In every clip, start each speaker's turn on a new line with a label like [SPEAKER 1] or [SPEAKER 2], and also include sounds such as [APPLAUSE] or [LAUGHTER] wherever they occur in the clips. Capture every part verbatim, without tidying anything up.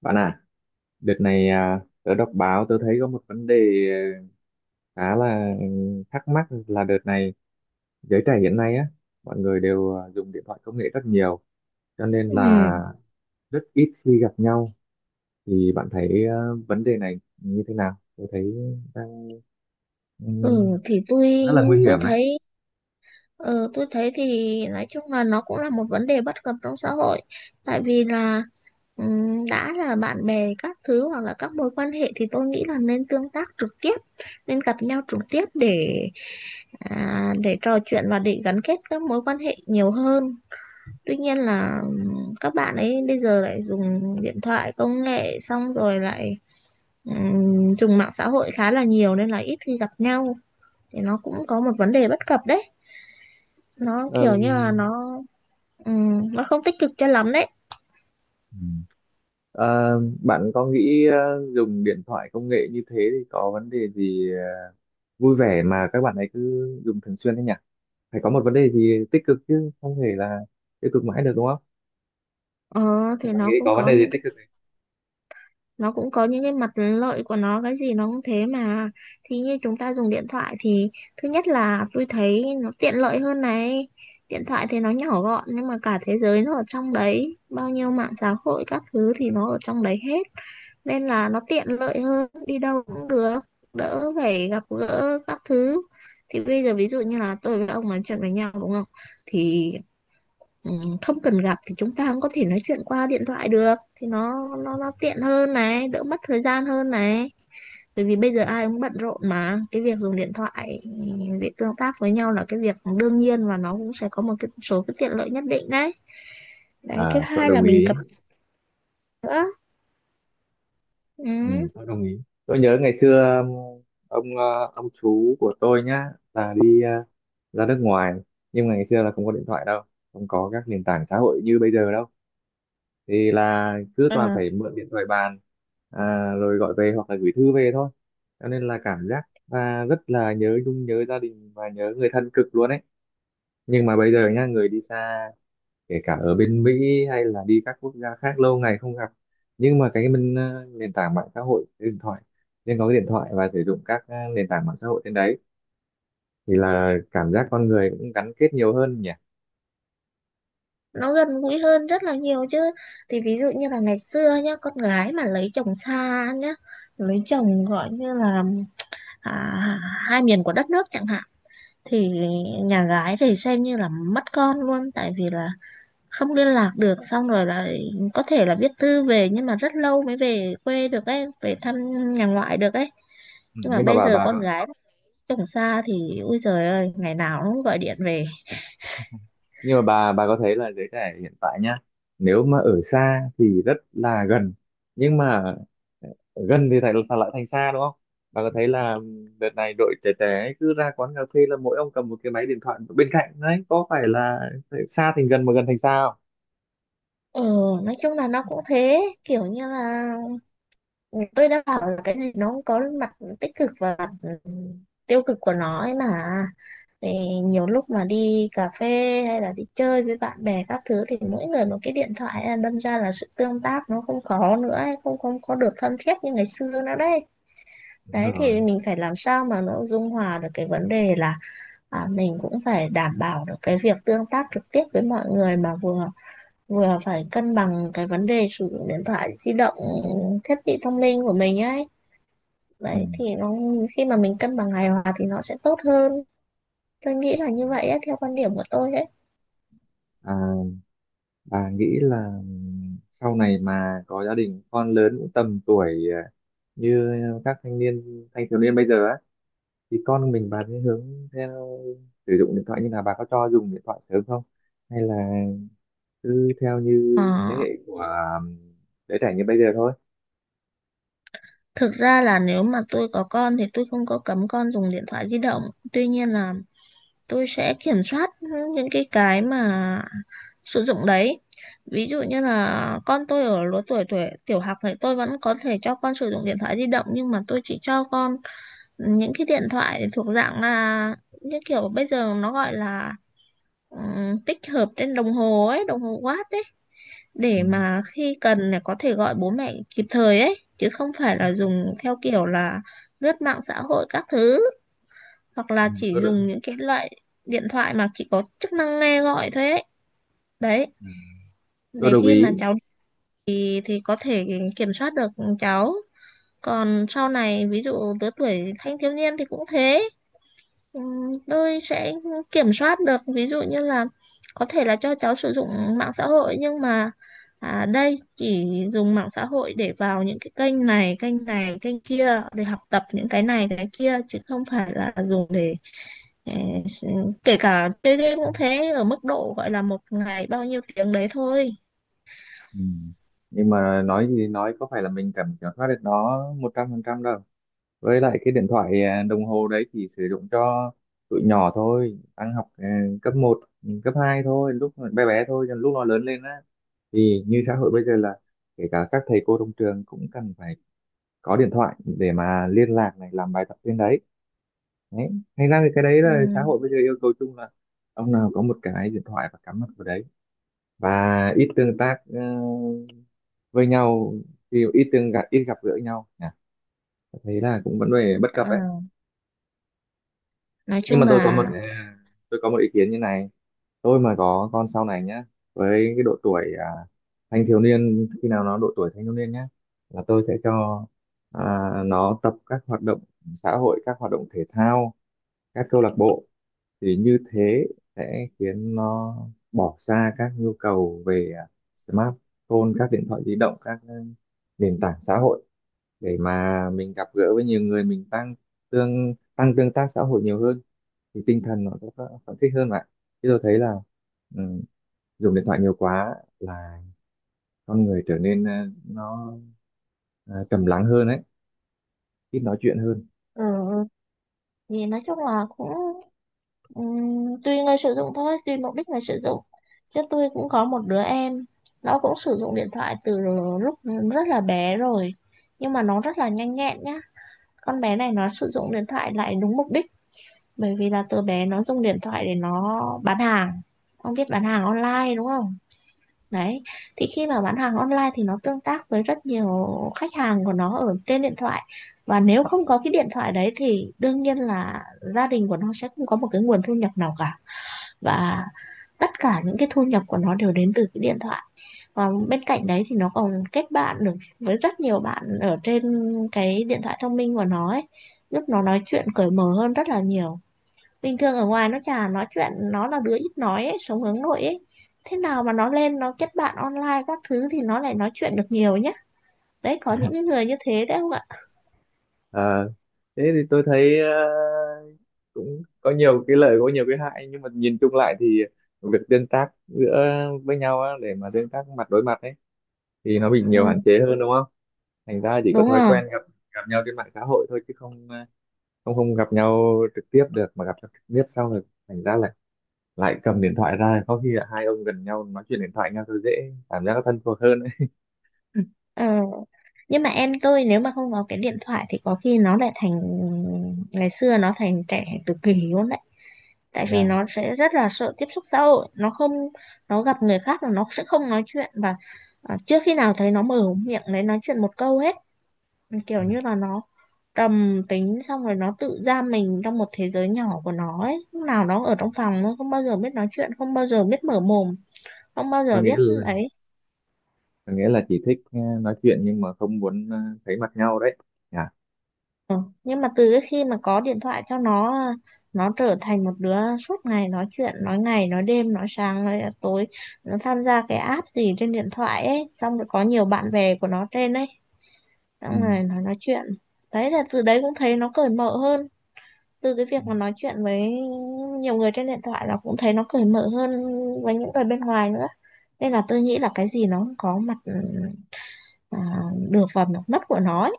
[SPEAKER 1] Bạn à, đợt này à, tớ đọc báo tớ thấy có một vấn đề à, khá là ừ, thắc mắc là đợt này giới trẻ hiện nay á, mọi người đều à, dùng điện thoại công nghệ rất nhiều, cho nên
[SPEAKER 2] Ừ,
[SPEAKER 1] là rất ít khi gặp nhau. Thì bạn thấy à, vấn đề này như thế nào? Tôi thấy đang ừ,
[SPEAKER 2] Ừ thì tôi
[SPEAKER 1] rất là nguy
[SPEAKER 2] tôi
[SPEAKER 1] hiểm đấy.
[SPEAKER 2] thấy ờ, tôi thấy thì nói chung là nó cũng là một vấn đề bất cập trong xã hội, tại vì là ừm, đã là bạn bè các thứ hoặc là các mối quan hệ thì tôi nghĩ là nên tương tác trực tiếp, nên gặp nhau trực tiếp để à, để trò chuyện và để gắn kết các mối quan hệ nhiều hơn. Tuy nhiên là ừm, các bạn ấy bây giờ lại dùng điện thoại công nghệ xong rồi lại ừm, dùng mạng xã hội khá là nhiều nên là ít khi gặp nhau, thì nó cũng có một vấn đề bất cập đấy. Nó
[SPEAKER 1] Ờm,
[SPEAKER 2] kiểu như là nó ừm, nó không tích cực cho lắm đấy.
[SPEAKER 1] ừ. Ờ, bạn có nghĩ ờ, dùng điện thoại công nghệ như thế thì có vấn đề gì ờ, vui vẻ mà các bạn ấy cứ dùng thường xuyên thế nhỉ? Phải có một vấn đề gì tích cực chứ không thể là tiêu cực mãi được đúng không?
[SPEAKER 2] Ờ
[SPEAKER 1] Thế
[SPEAKER 2] thì
[SPEAKER 1] bạn nghĩ
[SPEAKER 2] nó cũng
[SPEAKER 1] có vấn
[SPEAKER 2] có
[SPEAKER 1] đề gì
[SPEAKER 2] những
[SPEAKER 1] tích cực
[SPEAKER 2] cái,
[SPEAKER 1] này?
[SPEAKER 2] nó cũng có những cái mặt lợi của nó, cái gì nó cũng thế mà. Thì như chúng ta dùng điện thoại thì thứ nhất là tôi thấy nó tiện lợi hơn này. Điện thoại thì nó nhỏ gọn nhưng mà cả thế giới nó ở trong đấy, bao nhiêu mạng xã hội các thứ thì nó ở trong đấy hết, nên là nó tiện lợi hơn, đi đâu cũng được, đỡ phải gặp gỡ các thứ. Thì bây giờ ví dụ như là tôi với ông nói chuyện với nhau đúng không, thì ừm, không cần gặp thì chúng ta cũng có thể nói chuyện qua điện thoại được, thì nó nó nó tiện hơn này, đỡ mất thời gian hơn này. Bởi vì bây giờ ai cũng bận rộn mà cái việc dùng điện thoại để tương tác với nhau là cái việc đương nhiên, và nó cũng sẽ có một cái số cái tiện lợi nhất định đấy. Đấy, thứ
[SPEAKER 1] À, tôi
[SPEAKER 2] hai là
[SPEAKER 1] đồng
[SPEAKER 2] mình cập
[SPEAKER 1] ý.
[SPEAKER 2] nữa. Ừ.
[SPEAKER 1] Ừ, tôi đồng ý. Tôi nhớ ngày xưa um, ông ờ, ông chú của tôi nhá là đi ờ, ra nước ngoài, nhưng mà ngày xưa là không có điện thoại đâu, không có các nền tảng xã hội như bây giờ đâu, thì là cứ toàn
[SPEAKER 2] Ờ,
[SPEAKER 1] phải mượn điện thoại bàn, à, rồi gọi về hoặc là gửi thư về thôi. Cho nên là cảm giác là rất là nhớ nhung, nhớ gia đình và nhớ người thân cực luôn ấy. Nhưng mà bây giờ nhá, người đi xa, kể cả ở bên Mỹ hay là đi các quốc gia khác lâu ngày không gặp, nhưng mà cái mình ờ, nền tảng mạng xã hội cái điện thoại, nhưng có cái điện thoại và sử dụng các ờ, nền tảng mạng xã hội trên đấy, thì là cảm giác con người cũng gắn kết nhiều hơn nhỉ.
[SPEAKER 2] nó gần gũi hơn rất là nhiều chứ. Thì ví dụ như là ngày xưa nhá, con gái mà lấy chồng xa nhá, lấy chồng gọi như là à, hai miền của đất nước chẳng hạn, thì nhà gái thì xem như là mất con luôn, tại vì là không liên lạc được, xong rồi là có thể là viết thư về nhưng mà rất lâu mới về quê được ấy, về thăm nhà ngoại được ấy.
[SPEAKER 1] Ừ,
[SPEAKER 2] Nhưng mà
[SPEAKER 1] nhưng mà
[SPEAKER 2] bây
[SPEAKER 1] bà
[SPEAKER 2] giờ
[SPEAKER 1] bà
[SPEAKER 2] con gái chồng xa thì ui trời ơi, ngày nào nó cũng gọi điện về.
[SPEAKER 1] nhưng mà bà bà có thấy là giới trẻ hiện tại nhá, nếu mà ở xa thì rất là gần, nhưng mà ờ, gần thì lại lại thành xa đúng không? Bà có thấy là đợt này đội trẻ trẻ ấy cứ ra quán cà phê là mỗi ông cầm một cái máy điện thoại bên cạnh đấy, có phải là xa thành gần mà gần thành xa không?
[SPEAKER 2] Ừ, nói chung là nó cũng thế, kiểu như là tôi đã bảo là cái gì nó cũng có mặt tích cực và mặt ừ, tiêu cực của nó ấy mà. Thì nhiều lúc mà đi cà phê hay là đi chơi với bạn bè các thứ thì mỗi người một cái điện thoại ấy, đâm ra là sự tương tác nó không có nữa ấy, không không có được thân thiết như ngày xưa nữa đấy.
[SPEAKER 1] Đúng
[SPEAKER 2] Đấy
[SPEAKER 1] rồi.
[SPEAKER 2] thì mình phải làm sao mà nó dung hòa được cái vấn đề là à, mình cũng phải đảm bảo được cái việc tương tác trực tiếp với mọi người, mà vừa vừa phải cân bằng cái vấn đề sử dụng điện thoại di động, thiết bị thông minh của mình ấy.
[SPEAKER 1] Ừ.
[SPEAKER 2] Đấy thì nó, khi mà mình cân bằng hài hòa thì nó sẽ tốt hơn, tôi nghĩ là như vậy á, theo quan điểm của tôi ấy.
[SPEAKER 1] à, bà nghĩ là sau này mà có gia đình con lớn cũng tầm tuổi à, như các thanh niên, thanh thiếu niên bây giờ á, thì con mình bà sẽ hướng theo sử dụng điện thoại như là bà có cho dùng điện thoại sớm không, hay là cứ theo như
[SPEAKER 2] Ờ,
[SPEAKER 1] thế hệ của um, đứa trẻ như bây giờ thôi?
[SPEAKER 2] thực ra là nếu mà tôi có con thì tôi không có cấm con dùng điện thoại di động, tuy nhiên là tôi sẽ kiểm soát những cái cái mà sử dụng đấy. Ví dụ như là con tôi ở lứa tuổi tuổi tiểu học thì tôi vẫn có thể cho con sử dụng điện thoại di động, nhưng mà tôi chỉ cho con những cái điện thoại thuộc dạng là những kiểu bây giờ nó gọi là ừ, tích hợp trên đồng hồ ấy, đồng hồ Watt ấy,
[SPEAKER 1] Ừ.
[SPEAKER 2] để mà khi cần là có thể gọi bố mẹ kịp thời ấy, chứ không phải
[SPEAKER 1] Dạ.
[SPEAKER 2] là dùng theo kiểu là lướt mạng xã hội các thứ. Hoặc
[SPEAKER 1] Ừ,
[SPEAKER 2] là chỉ
[SPEAKER 1] tôi được.
[SPEAKER 2] dùng những cái loại điện thoại mà chỉ có chức năng nghe gọi thôi ấy. Đấy,
[SPEAKER 1] À, tôi
[SPEAKER 2] để
[SPEAKER 1] đồng
[SPEAKER 2] khi
[SPEAKER 1] ý.
[SPEAKER 2] mà cháu thì thì có thể kiểm soát được cháu. Còn sau này ví dụ lứa tuổi thanh thiếu niên thì cũng thế. Ừ, tôi sẽ kiểm soát được, ví dụ như là có thể là cho cháu sử dụng mạng xã hội nhưng mà à, đây chỉ dùng mạng xã hội để vào những cái kênh này kênh này kênh kia để học tập những cái này cái kia, chứ không phải là dùng để ờ, s- kể cả chơi game cũng thế, ở mức độ gọi là một ngày bao nhiêu tiếng đấy thôi.
[SPEAKER 1] Ừ. Nhưng mà nói gì nói, có phải là mình cảm kiểm soát được nó một trăm phần trăm đâu, với lại cái điện thoại à, đồng hồ đấy chỉ sử dụng cho tụi nhỏ thôi, đang học à, cấp một, cấp hai thôi, lúc bé bé thôi. Còn lúc nó lớn lên á, thì như xã hội bây giờ là kể cả các thầy cô trong trường cũng cần phải có điện thoại để mà liên lạc này, làm bài tập trên đấy. Đấy, thành ra thì cái đấy
[SPEAKER 2] Ừ.
[SPEAKER 1] là xã hội bây giờ yêu cầu chung là ông nào có một cái điện thoại và cắm mặt vào đấy, và ít tương tác ờ, với nhau thì ít tương gặp, ít gặp gỡ nhau nhỉ. Tôi thấy là cũng vẫn về bất cập đấy.
[SPEAKER 2] ờ, nói
[SPEAKER 1] Nhưng
[SPEAKER 2] chung
[SPEAKER 1] mà tôi có
[SPEAKER 2] là
[SPEAKER 1] một ờ, tôi có một ý kiến như này. Tôi mà có con sau này nhá, với cái độ tuổi à, thanh thiếu niên, khi nào nó độ tuổi thanh thiếu niên nhá, là tôi sẽ cho à, nó tập các hoạt động xã hội, các hoạt động thể thao, các câu lạc bộ. Thì như thế sẽ khiến nó bỏ xa các nhu cầu về à, smartphone, các điện thoại di động, các ừ, nền tảng xã hội, để mà mình gặp gỡ với nhiều người, mình tăng tương tăng tương tác xã hội nhiều hơn, thì tinh thần nó sẽ phấn khích hơn mà. Chứ tôi thấy là ừ, dùng điện thoại nhiều quá là con người trở nên ờ, nó ờ, trầm lắng hơn ấy, ít nói chuyện hơn.
[SPEAKER 2] ừ, Thì nói chung là cũng Ừm, tùy người sử dụng thôi, tùy mục đích người sử dụng. Chứ tôi cũng có một đứa em, nó cũng sử dụng điện thoại từ lúc rất là bé rồi, nhưng mà nó rất là nhanh nhẹn nhá. Con bé này nó sử dụng điện thoại lại đúng mục đích, bởi vì là từ bé nó dùng điện thoại để nó bán hàng. Ông biết bán hàng online đúng không. Đấy, thì khi mà bán hàng online thì nó tương tác với rất nhiều khách hàng của nó ở trên điện thoại, và nếu không có cái điện thoại đấy thì đương nhiên là gia đình của nó sẽ không có một cái nguồn thu nhập nào cả, và tất cả những cái thu nhập của nó đều đến từ cái điện thoại. Và bên cạnh đấy thì nó còn kết bạn được với rất nhiều bạn ở trên cái điện thoại thông minh của nó ấy, giúp nó nói chuyện cởi mở hơn rất là nhiều. Bình thường ở ngoài nó chả nói chuyện, nó là đứa ít nói ấy, sống hướng nội ấy. Thế nào mà nó lên nó kết bạn online các thứ thì nó lại nói chuyện được nhiều nhá. Đấy, có những người như thế đấy không ạ.
[SPEAKER 1] Ờ, thế thì tôi thấy ờ, cũng có nhiều cái lợi, có nhiều cái hại, nhưng mà nhìn chung lại thì việc tương tác giữa với nhau á, để mà tương tác mặt đối mặt ấy, thì nó bị nhiều hạn
[SPEAKER 2] Ừ,
[SPEAKER 1] chế hơn đúng không? Thành ra chỉ có
[SPEAKER 2] đúng
[SPEAKER 1] thói
[SPEAKER 2] rồi.
[SPEAKER 1] quen gặp gặp nhau trên mạng xã hội thôi chứ không ờ, không không gặp nhau trực tiếp được, mà gặp nhau trực tiếp sau rồi, thành ra là lại cầm điện thoại ra, có khi là hai ông gần nhau nói chuyện điện thoại nhau thôi, dễ cảm giác nó thân thuộc hơn.
[SPEAKER 2] Ờ, nhưng mà em tôi nếu mà không có cái điện thoại thì có khi nó lại thành, ngày xưa nó thành trẻ tự kỷ luôn đấy, tại vì
[SPEAKER 1] Yeah.
[SPEAKER 2] nó sẽ rất là sợ tiếp xúc xã hội, nó không, nó gặp người khác là nó sẽ không nói chuyện. Và à, trước khi nào thấy nó mở miệng đấy nói chuyện một câu hết, kiểu như là nó trầm tính, xong rồi nó tự giam mình trong một thế giới nhỏ của nó ấy, lúc nào nó ở trong phòng nó không bao giờ biết nói chuyện, không bao giờ biết mở mồm, không bao
[SPEAKER 1] Có
[SPEAKER 2] giờ
[SPEAKER 1] nghĩa
[SPEAKER 2] biết
[SPEAKER 1] là
[SPEAKER 2] ấy.
[SPEAKER 1] có nghĩa là chỉ thích ờ, nói chuyện nhưng mà không muốn ờ, thấy mặt nhau đấy. Yeah.
[SPEAKER 2] Ừ, nhưng mà từ cái khi mà có điện thoại cho nó nó trở thành một đứa suốt ngày nói chuyện, nói ngày nói đêm nói sáng nói tối. Nó tham gia cái app gì trên điện thoại ấy, xong rồi có nhiều bạn bè của nó trên ấy,
[SPEAKER 1] Ừ.
[SPEAKER 2] xong rồi nó nói chuyện. Đấy là từ đấy cũng thấy nó cởi mở hơn, từ cái
[SPEAKER 1] Ừ.
[SPEAKER 2] việc mà nói chuyện với nhiều người trên điện thoại là cũng thấy nó cởi mở hơn với những người bên ngoài nữa. Nên là tôi nghĩ là cái gì nó cũng có mặt à, được và mặt mất của nó ấy.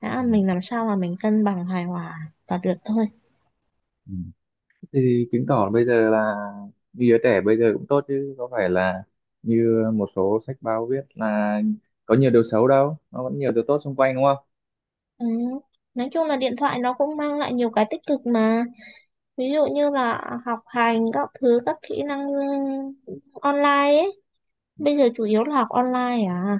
[SPEAKER 2] Đã,
[SPEAKER 1] Ừ.
[SPEAKER 2] mình làm sao mà mình cân bằng hài hòa là được thôi.
[SPEAKER 1] Ừ. Thì chứng tỏ bây giờ là như đứa trẻ bây giờ cũng tốt, chứ có phải là như một số sách báo viết là có nhiều điều xấu đâu, nó vẫn nhiều điều tốt xung quanh đúng không?
[SPEAKER 2] Ừ. Nói chung là điện thoại nó cũng mang lại nhiều cái tích cực mà, ví dụ như là học hành các thứ, các kỹ năng online ấy, bây giờ chủ yếu là học online à,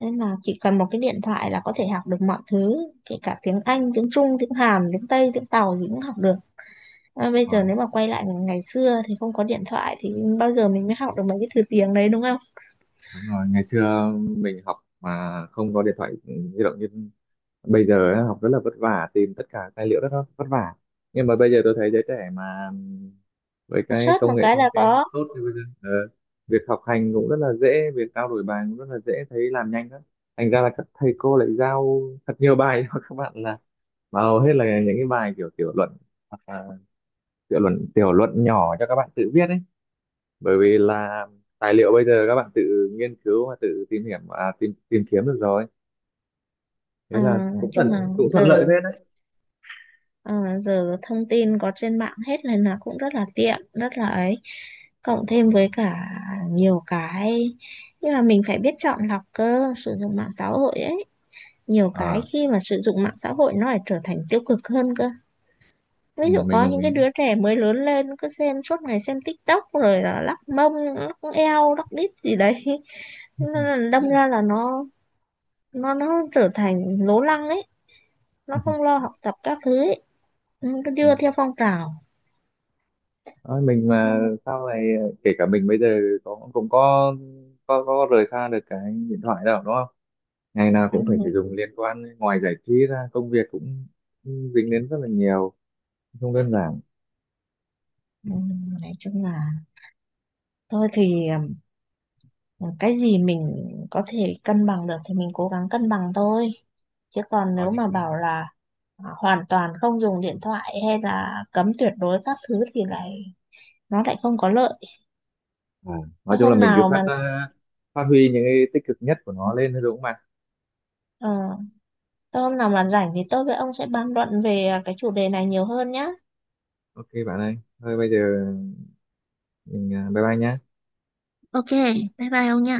[SPEAKER 2] nên là chỉ cần một cái điện thoại là có thể học được mọi thứ, kể cả tiếng Anh, tiếng Trung, tiếng Hàn, tiếng Tây, tiếng Tàu gì cũng học được. À, bây giờ
[SPEAKER 1] Rồi,
[SPEAKER 2] nếu mà quay lại ngày xưa thì không có điện thoại thì bao giờ mình mới học được mấy cái thứ tiếng đấy, đúng không.
[SPEAKER 1] đúng rồi, ngày xưa mình học mà không có điện thoại ừ, di động như bây giờ á, học rất là vất vả, tìm tất cả tài liệu rất là vất vả. Nhưng mà bây giờ tôi thấy giới trẻ mà ừm, với cái
[SPEAKER 2] Search
[SPEAKER 1] công
[SPEAKER 2] một
[SPEAKER 1] nghệ
[SPEAKER 2] cái
[SPEAKER 1] thông
[SPEAKER 2] là
[SPEAKER 1] tin
[SPEAKER 2] có.
[SPEAKER 1] tốt thì bây giờ ờ, việc học hành cũng rất là dễ, việc trao đổi bài cũng rất là dễ, thấy làm nhanh lắm. Thành ra là các thầy cô lại giao thật nhiều bài cho các bạn là, mà hầu hết là những cái bài kiểu tiểu luận, hoặc là tiểu luận tiểu luận nhỏ cho các bạn tự viết ấy, bởi vì là tài liệu bây giờ các bạn tự nghiên cứu và tự tìm hiểu à, tìm tìm kiếm được rồi, thế
[SPEAKER 2] À,
[SPEAKER 1] là
[SPEAKER 2] nói
[SPEAKER 1] cũng
[SPEAKER 2] chung là
[SPEAKER 1] thuận cũng thuận lợi
[SPEAKER 2] giờ,
[SPEAKER 1] phết đấy.
[SPEAKER 2] ờ, giờ thông tin có trên mạng hết này, là cũng rất là tiện, rất là ấy. Cộng
[SPEAKER 1] Ừ.
[SPEAKER 2] thêm với cả nhiều cái, nhưng mà mình phải biết chọn lọc cơ, sử dụng mạng xã hội ấy, nhiều cái
[SPEAKER 1] Ờ.
[SPEAKER 2] khi mà sử dụng mạng xã hội nó lại trở thành tiêu cực hơn cơ.
[SPEAKER 1] Ừ,
[SPEAKER 2] Ví dụ
[SPEAKER 1] mình
[SPEAKER 2] có
[SPEAKER 1] đồng
[SPEAKER 2] những cái
[SPEAKER 1] ý.
[SPEAKER 2] đứa trẻ mới lớn lên cứ xem suốt ngày, xem TikTok rồi là lắc mông lắc eo lắc đít gì đấy. [LAUGHS] Nên là đâm ra là nó nó nó trở thành lố lăng ấy, nó không
[SPEAKER 1] [LAUGHS]
[SPEAKER 2] lo học tập các thứ ấy, nó cứ đưa theo phong trào
[SPEAKER 1] Thôi mình mà
[SPEAKER 2] xong.
[SPEAKER 1] sau này ờ, kể cả mình bây giờ có cũng có có có rời xa được cái điện thoại đâu đúng không, ngày nào cũng phải sử
[SPEAKER 2] [LAUGHS]
[SPEAKER 1] dụng, liên quan ngoài giải trí ra, công việc cũng dính đến rất là nhiều, không đơn giản.
[SPEAKER 2] Ừ, ừ, ừ. Nói chung là thôi thì, ừ, cái gì mình có thể cân bằng được thì mình cố gắng cân bằng thôi, chứ còn
[SPEAKER 1] Có
[SPEAKER 2] nếu
[SPEAKER 1] những
[SPEAKER 2] mà bảo
[SPEAKER 1] cái-
[SPEAKER 2] là à, hoàn toàn không dùng điện thoại hay là cấm tuyệt đối các thứ thì lại, nó lại không có lợi.
[SPEAKER 1] à, nói
[SPEAKER 2] thôi
[SPEAKER 1] chung là
[SPEAKER 2] hôm
[SPEAKER 1] mình cứ
[SPEAKER 2] nào
[SPEAKER 1] phát
[SPEAKER 2] mà
[SPEAKER 1] ờ, phát huy những cái tích cực nhất của nó lên thôi đúng không bạn?
[SPEAKER 2] ờ, Thôi hôm nào mà rảnh thì tôi với ông sẽ bàn luận về cái chủ đề này nhiều hơn nhá.
[SPEAKER 1] Ok bạn ơi, thôi bây giờ mình ờ, bye bye nhá.
[SPEAKER 2] Ok, bye bye ông nha.